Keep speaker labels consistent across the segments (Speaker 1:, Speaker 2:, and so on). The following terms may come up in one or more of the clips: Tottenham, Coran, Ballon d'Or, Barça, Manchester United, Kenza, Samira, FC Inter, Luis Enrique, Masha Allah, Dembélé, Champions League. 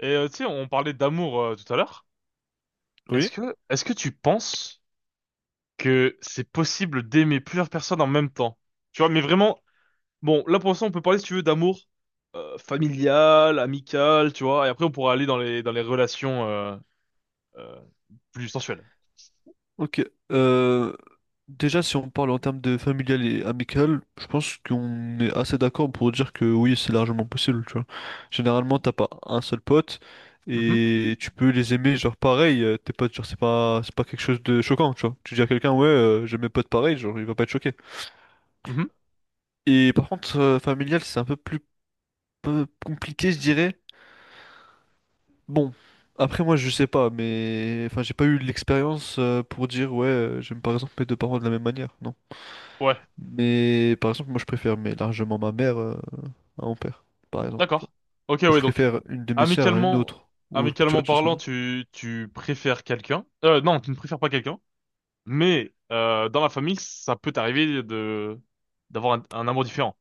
Speaker 1: Et tu sais, on parlait d'amour tout à l'heure. Est-ce
Speaker 2: Oui,
Speaker 1: que, est-ce que tu penses que c'est possible d'aimer plusieurs personnes en même temps? Tu vois, mais vraiment, bon, là pour l'instant, on peut parler, si tu veux, d'amour familial, amical, tu vois, et après, on pourra aller dans les relations euh, plus sensuelles.
Speaker 2: ok. Euh, Déjà, si on parle en termes de familial et amical, je pense qu'on est assez d'accord pour dire que oui, c'est largement possible, tu vois. Généralement, t'as pas un seul pote
Speaker 1: Mhm,
Speaker 2: et tu peux les aimer, genre pareil, tes potes, genre c'est pas quelque chose de choquant, tu vois. Tu dis à quelqu'un, ouais, j'aime mes potes pareil, genre il va pas être choqué.
Speaker 1: mhm.
Speaker 2: Et par contre, familial, c'est un peu plus peu compliqué, je dirais. Bon. Après moi je sais pas mais enfin j'ai pas eu l'expérience pour dire ouais j'aime par exemple mes deux parents de la même manière. Non,
Speaker 1: Ouais,
Speaker 2: mais par exemple, moi je préfère mais largement ma mère à mon père, par exemple. Tu vois.
Speaker 1: d'accord. Ok,
Speaker 2: Ou je
Speaker 1: ouais, donc,
Speaker 2: préfère une de mes sœurs à une
Speaker 1: amicalement,
Speaker 2: autre. Tu vois,
Speaker 1: amicalement
Speaker 2: tu vois ce que je
Speaker 1: parlant,
Speaker 2: veux dire.
Speaker 1: tu préfères quelqu'un. Non, tu ne préfères pas quelqu'un, mais dans la famille, ça peut t'arriver d'avoir un amour différent.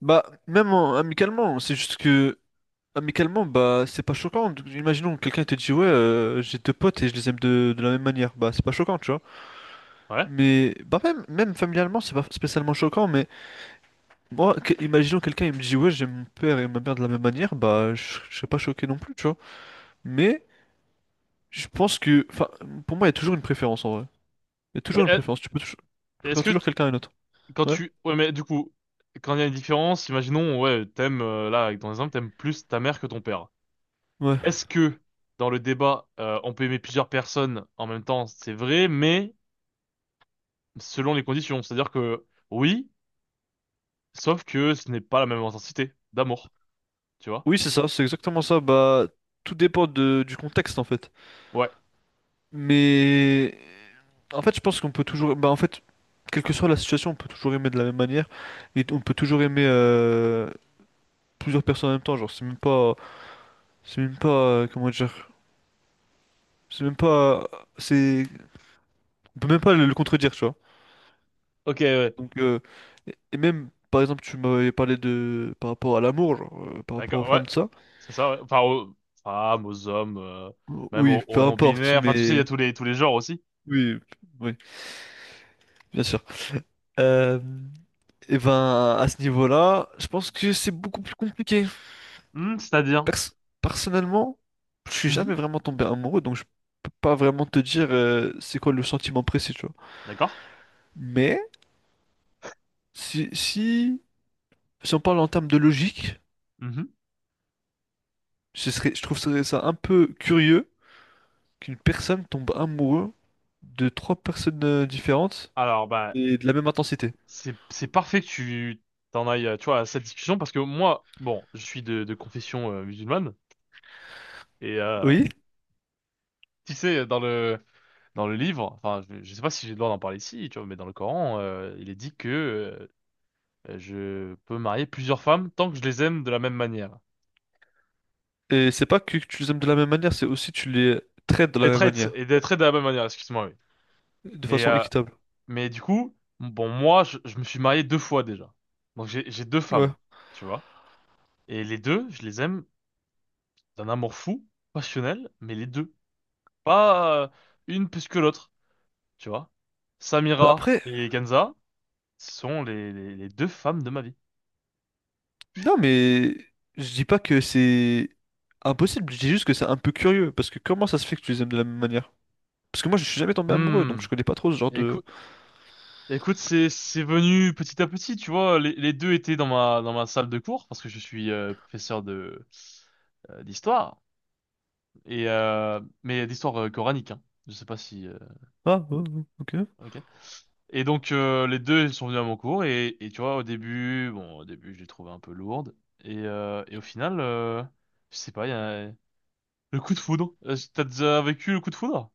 Speaker 2: Bah, amicalement, c'est juste que amicalement, bah, c'est pas choquant. Donc, imaginons que quelqu'un te dit, ouais, j'ai deux potes et je les aime de la même manière. Bah, c'est pas choquant, tu vois.
Speaker 1: Ouais.
Speaker 2: Mais, bah, même familialement, c'est pas spécialement choquant. Mais moi, imaginons quelqu'un, il me dit, ouais, j'aime mon père et ma mère de la même manière. Bah, je serais pas choqué non plus, tu vois. Mais je pense que, enfin, pour moi, il y a toujours une préférence en vrai. Il y a
Speaker 1: Mais
Speaker 2: toujours une préférence, tu
Speaker 1: est-ce
Speaker 2: préfères
Speaker 1: que
Speaker 2: toujours
Speaker 1: tu-
Speaker 2: quelqu'un à une autre.
Speaker 1: quand
Speaker 2: Ouais,
Speaker 1: tu ouais, mais du coup, quand il y a une différence, imaginons, ouais, t'aimes là avec ton exemple t'aimes plus ta mère que ton père.
Speaker 2: ouais.
Speaker 1: Est-ce que dans le débat, on peut aimer plusieurs personnes en même temps, c'est vrai, mais selon les conditions, c'est-à-dire que oui, sauf que ce n'est pas la même intensité d'amour, tu vois?
Speaker 2: Oui, c'est ça, c'est exactement ça. Bah, tout dépend du contexte en fait.
Speaker 1: Ouais.
Speaker 2: Mais en fait, je pense qu'on peut toujours. Bah, en fait, quelle que soit la situation, on peut toujours aimer de la même manière et on peut toujours aimer plusieurs personnes en même temps. Genre, c'est même pas. C'est même pas. Comment dire? C'est même pas. C'est. On peut même pas le contredire, tu vois.
Speaker 1: Ok. Ouais.
Speaker 2: Donc, et même. Par exemple, tu m'avais parlé de par rapport à l'amour, genre, par rapport aux
Speaker 1: D'accord. Ouais.
Speaker 2: femmes, de ça.
Speaker 1: C'est ça. Ouais. Enfin aux femmes, aux hommes, même
Speaker 2: Oui,
Speaker 1: aux,
Speaker 2: peu
Speaker 1: aux
Speaker 2: importe,
Speaker 1: non-binaires. Enfin, tu sais, il y a
Speaker 2: mais
Speaker 1: tous les genres aussi.
Speaker 2: oui, oui, bien sûr. Euh, et ben, à ce niveau-là, je pense que c'est beaucoup plus compliqué.
Speaker 1: Hmm, c'est-à-dire.
Speaker 2: Pers- Personnellement, je suis
Speaker 1: Mhm.
Speaker 2: jamais vraiment tombé amoureux, donc je peux pas vraiment te dire c'est quoi le sentiment précis, tu vois.
Speaker 1: D'accord.
Speaker 2: Mais si, si, si on parle en termes de logique, ce serait, je trouve ça un peu curieux qu'une personne tombe amoureux de trois personnes différentes
Speaker 1: Alors, bah,
Speaker 2: et de la même intensité.
Speaker 1: c'est parfait que tu t'en ailles, tu vois, à cette discussion, parce que moi, bon, je suis de confession musulmane, et
Speaker 2: Oui,
Speaker 1: tu sais, dans le livre, enfin, je sais pas si j'ai le droit d'en parler ici, tu vois, mais dans le Coran, il est dit que je peux marier plusieurs femmes tant que je les aime de la même manière,
Speaker 2: et c'est pas que tu les aimes de la même manière, c'est aussi tu les traites de la
Speaker 1: les
Speaker 2: même
Speaker 1: traite,
Speaker 2: manière.
Speaker 1: et les traite de la même manière, excuse-moi, oui.
Speaker 2: De
Speaker 1: Mais
Speaker 2: façon équitable.
Speaker 1: du coup, bon, moi, je me suis marié deux fois déjà, donc j'ai deux
Speaker 2: Ouais.
Speaker 1: femmes, tu vois, et les deux, je les aime d'un amour fou, passionnel, mais les deux. Pas une plus que l'autre, tu vois.
Speaker 2: Bah
Speaker 1: Samira
Speaker 2: après,
Speaker 1: et Kenza sont les deux femmes de ma vie.
Speaker 2: non mais je dis pas que c'est impossible, je dis juste que c'est un peu curieux, parce que comment ça se fait que tu les aimes de la même manière? Parce que moi je suis jamais tombé amoureux, donc je
Speaker 1: Hmm.
Speaker 2: connais pas trop ce genre de...
Speaker 1: Écoute, écoute, c'est venu petit à petit, tu vois. Les deux étaient dans ma salle de cours, parce que je suis professeur de euh, d'histoire, mais d'histoire coranique. Hein. Je sais pas si
Speaker 2: Ah, ouais, ouais, ok.
Speaker 1: ok. Et donc, les deux, ils sont venus à mon cours, et tu vois, au début, bon, au début je les trouvais un peu lourdes, et au final, je sais pas, il y a... Le coup de foudre? T'as déjà vécu le coup de foudre?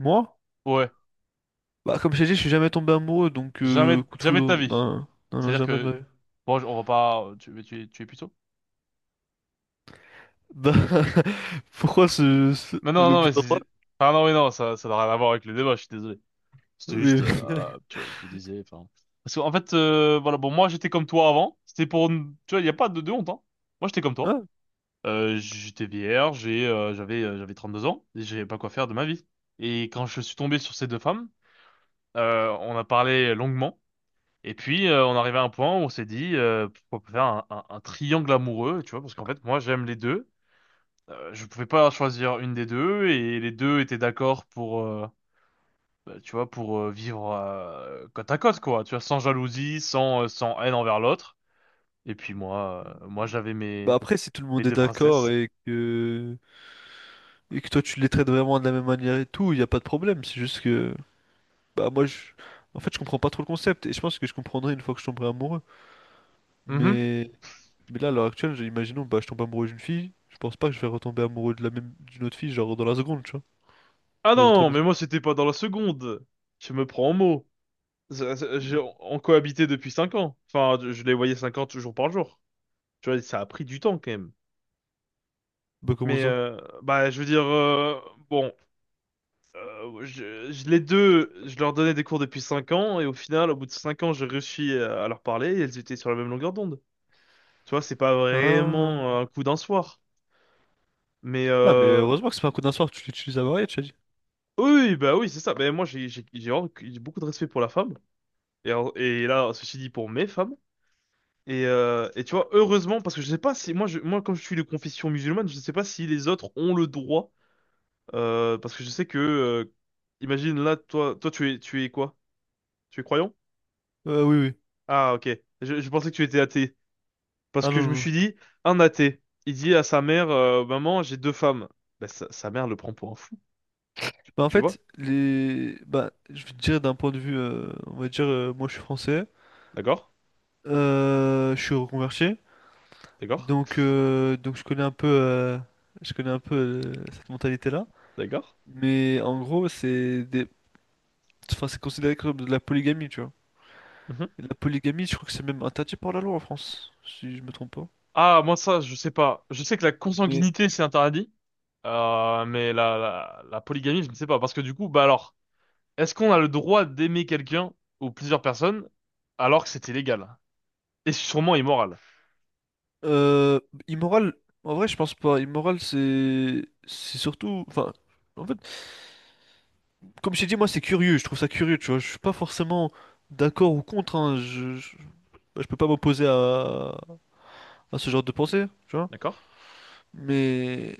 Speaker 2: Moi?
Speaker 1: Ouais.
Speaker 2: Bah comme je t'ai dit, je suis jamais tombé amoureux, donc
Speaker 1: Jamais,
Speaker 2: coup de
Speaker 1: jamais de ta
Speaker 2: foudre,
Speaker 1: vie.
Speaker 2: non, non, non,
Speaker 1: C'est-à-dire
Speaker 2: jamais de ma
Speaker 1: que,
Speaker 2: vie.
Speaker 1: bon, on va pas, tu es plutôt?
Speaker 2: Bah, pourquoi
Speaker 1: Mais non, non,
Speaker 2: l'objet
Speaker 1: mais
Speaker 2: d'en parler?
Speaker 1: ah non, mais non, ça n'a rien à voir avec le débat, je suis désolé. C'était juste,
Speaker 2: Oui.
Speaker 1: ah, tu vois, je me disais, enfin. Parce qu'en fait, voilà, bon, moi, j'étais comme toi avant. C'était pour, tu vois, il y a pas de honte, hein. Moi, j'étais comme toi.
Speaker 2: Ah,
Speaker 1: J'étais vierge. J'avais 32 ans. Et j'avais pas quoi faire de ma vie. Et quand je suis tombé sur ces deux femmes, on a parlé longuement. Et puis, on arrivait à un point où on s'est dit, pourquoi pas faire un triangle amoureux, tu vois, parce qu'en fait, moi, j'aime les deux. Je pouvais pas choisir une des deux, et les deux étaient d'accord bah, tu vois, pour vivre côte à côte, quoi, tu vois, sans jalousie, sans haine envers l'autre. Et puis moi, j'avais
Speaker 2: bah après, si tout le
Speaker 1: mes
Speaker 2: monde est
Speaker 1: deux
Speaker 2: d'accord
Speaker 1: princesses.
Speaker 2: et que toi tu les traites vraiment de la même manière et tout, il n'y a pas de problème. C'est juste que, bah moi, je... en fait, je comprends pas trop le concept et je pense que je comprendrai une fois que je tomberai amoureux.
Speaker 1: Mhm.
Speaker 2: Mais, mais là, à l'heure actuelle, imaginons, bah je tombe amoureux d'une fille, je pense pas que je vais retomber amoureux de la même d'une autre fille, genre dans la seconde, tu vois.
Speaker 1: Ah
Speaker 2: Ça va être trop
Speaker 1: non, mais
Speaker 2: bizarre.
Speaker 1: moi, c'était pas dans la seconde. Je me prends au mot. On cohabitait depuis 5 ans. Enfin, je les voyais 5 ans toujours par jour. Tu vois, ça a pris du temps quand même.
Speaker 2: Bah comment
Speaker 1: Mais
Speaker 2: ça?
Speaker 1: bah, je veux dire, bon, les deux, je leur donnais des cours depuis 5 ans, et au final, au bout de 5 ans, j'ai réussi à leur parler, et elles étaient sur la même longueur d'onde. Tu vois, c'est pas vraiment
Speaker 2: Ah.
Speaker 1: un coup d'un soir. Mais
Speaker 2: Ah, mais heureusement que c'est pas un coup d'un soir, tu l'utilises à marier, tu as dit.
Speaker 1: oui, bah oui, c'est ça. Mais moi, j'ai beaucoup de respect pour la femme, et, et là, ceci dit, pour mes femmes. Et tu vois, heureusement, parce que je sais pas si, moi, comme je suis de confession musulmane, je sais pas si les autres ont le droit. Parce que je sais que, imagine là, toi, tu es quoi? Tu es croyant?
Speaker 2: Oui, oui.
Speaker 1: Ah, ok. Je pensais que tu étais athée. Parce
Speaker 2: Ah
Speaker 1: que
Speaker 2: non,
Speaker 1: je
Speaker 2: non,
Speaker 1: me
Speaker 2: non.
Speaker 1: suis dit, un athée, il dit à sa mère, maman, j'ai deux femmes. Bah, sa mère le prend pour un fou,
Speaker 2: Bah en
Speaker 1: tu vois?
Speaker 2: fait, les... Bah, je vais te dire d'un point de vue, on va dire, moi je suis français,
Speaker 1: D'accord?
Speaker 2: je suis reconverti.
Speaker 1: D'accord?
Speaker 2: Donc je connais un peu, euh, cette mentalité-là.
Speaker 1: D'accord?
Speaker 2: Mais en gros, c'est des... enfin, c'est considéré comme de la polygamie, tu vois.
Speaker 1: Mhm.
Speaker 2: Et la polygamie, je crois que c'est même interdit par la loi en France, si je me trompe pas.
Speaker 1: Ah, moi, ça, je sais pas. Je sais que la
Speaker 2: Mais
Speaker 1: consanguinité, c'est interdit. Mais la polygamie, je ne sais pas. Parce que du coup, bah alors, est-ce qu'on a le droit d'aimer quelqu'un ou plusieurs personnes alors que c'était légal? Et sûrement immoral.
Speaker 2: euh, immoral, en vrai, je pense pas. Immoral, c'est surtout, enfin, en fait, comme je t'ai dit, moi, c'est curieux. Je trouve ça curieux, tu vois. Je suis pas forcément d'accord ou contre. Hein. Je peux pas m'opposer à ce genre de pensée, tu vois.
Speaker 1: D'accord?
Speaker 2: Mais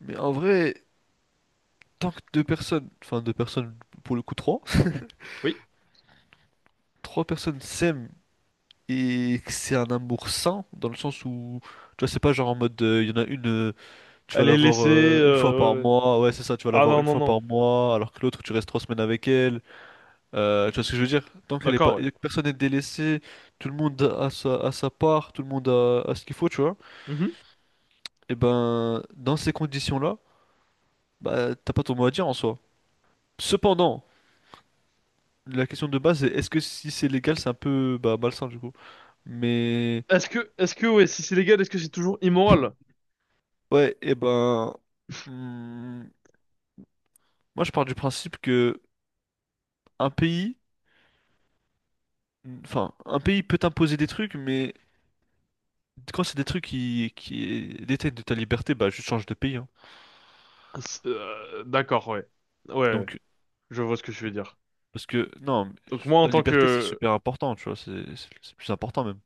Speaker 2: mais en vrai. Tant que deux personnes, enfin deux personnes pour le coup trois,
Speaker 1: Oui.
Speaker 2: trois personnes s'aiment et que c'est un amour sain dans le sens où tu vois c'est pas genre en mode il y en a une tu vas
Speaker 1: Elle
Speaker 2: la
Speaker 1: est
Speaker 2: voir
Speaker 1: laissée.
Speaker 2: une fois par
Speaker 1: Ouais, ouais.
Speaker 2: mois, ah ouais c'est ça, tu vas la
Speaker 1: Ah
Speaker 2: voir
Speaker 1: non,
Speaker 2: une
Speaker 1: non,
Speaker 2: fois
Speaker 1: non.
Speaker 2: par mois alors que l'autre tu restes trois semaines avec elle. Tu vois ce que je veux dire, tant qu'elle est pas,
Speaker 1: D'accord, ouais.
Speaker 2: que personne n'est délaissé, tout le monde a a sa part, tout le monde a ce qu'il faut, tu vois,
Speaker 1: Mhm.
Speaker 2: et ben dans ces conditions là, bah t'as pas ton mot à dire en soi, cependant la question de base est, est-ce que si c'est légal c'est un peu bah, malsain du coup. Mais
Speaker 1: Est-ce que, ouais, si c'est légal, est-ce que c'est toujours immoral?
Speaker 2: ouais, et ben, hmm, moi je pars du principe que un pays, enfin, un pays peut t'imposer des trucs, mais quand c'est des trucs qui détiennent de ta liberté, bah je change de pays. Hein.
Speaker 1: D'accord, ouais. Ouais, ouais.
Speaker 2: Donc,
Speaker 1: Je vois ce que tu veux dire.
Speaker 2: parce que non,
Speaker 1: Donc moi, en
Speaker 2: la
Speaker 1: tant
Speaker 2: liberté c'est
Speaker 1: que...
Speaker 2: super important, tu vois, c'est plus important même.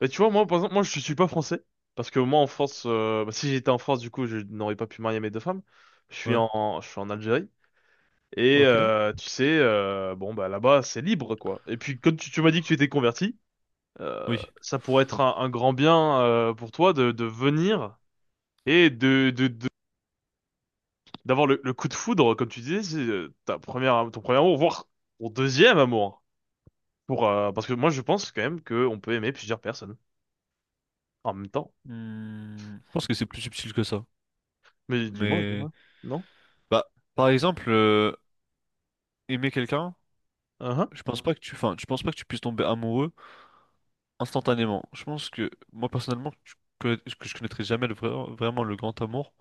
Speaker 1: Bah, tu vois, moi, par exemple, moi, je suis pas français. Parce que moi, en France, bah, si j'étais en France, du coup, je n'aurais pas pu marier mes deux femmes. Je suis
Speaker 2: Ouais,
Speaker 1: je suis en Algérie. Et
Speaker 2: ok,
Speaker 1: tu sais, bon, bah là-bas, c'est libre, quoi. Et puis, quand tu m'as dit que tu étais converti,
Speaker 2: oui.
Speaker 1: ça pourrait être un grand bien, pour toi de venir et d'avoir le coup de foudre, comme tu disais, c'est ton premier amour, voire ton deuxième amour. Hein. Parce que moi, je pense quand même qu'on peut aimer plusieurs personnes en même temps.
Speaker 2: Hmm, je pense que c'est plus subtil que ça.
Speaker 1: Mais dis-moi,
Speaker 2: Mais
Speaker 1: dis-moi. Non?
Speaker 2: bah, par exemple, aimer quelqu'un,
Speaker 1: Uhum.
Speaker 2: je pense pas que tu, enfin, je pense pas que tu puisses tomber amoureux. Instantanément. Je pense que moi personnellement, que je connaîtrais jamais vraiment le grand amour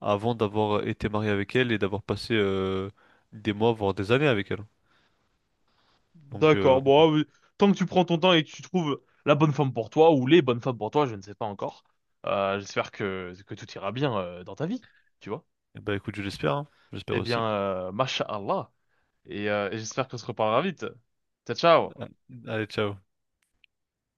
Speaker 2: avant d'avoir été marié avec elle et d'avoir passé des mois, voire des années avec elle.
Speaker 1: D'accord. Bon, ah
Speaker 2: Donc,
Speaker 1: oui. Tant que tu prends ton temps et que tu trouves la bonne femme pour toi ou les bonnes femmes pour toi, je ne sais pas encore. J'espère que tout ira bien, dans ta vie, tu vois.
Speaker 2: eh ben, écoute, je l'espère, hein. J'espère
Speaker 1: Eh bien,
Speaker 2: aussi.
Speaker 1: Masha Allah. Et j'espère qu'on se reparlera vite. Ciao, ciao.
Speaker 2: Ah, allez, ciao.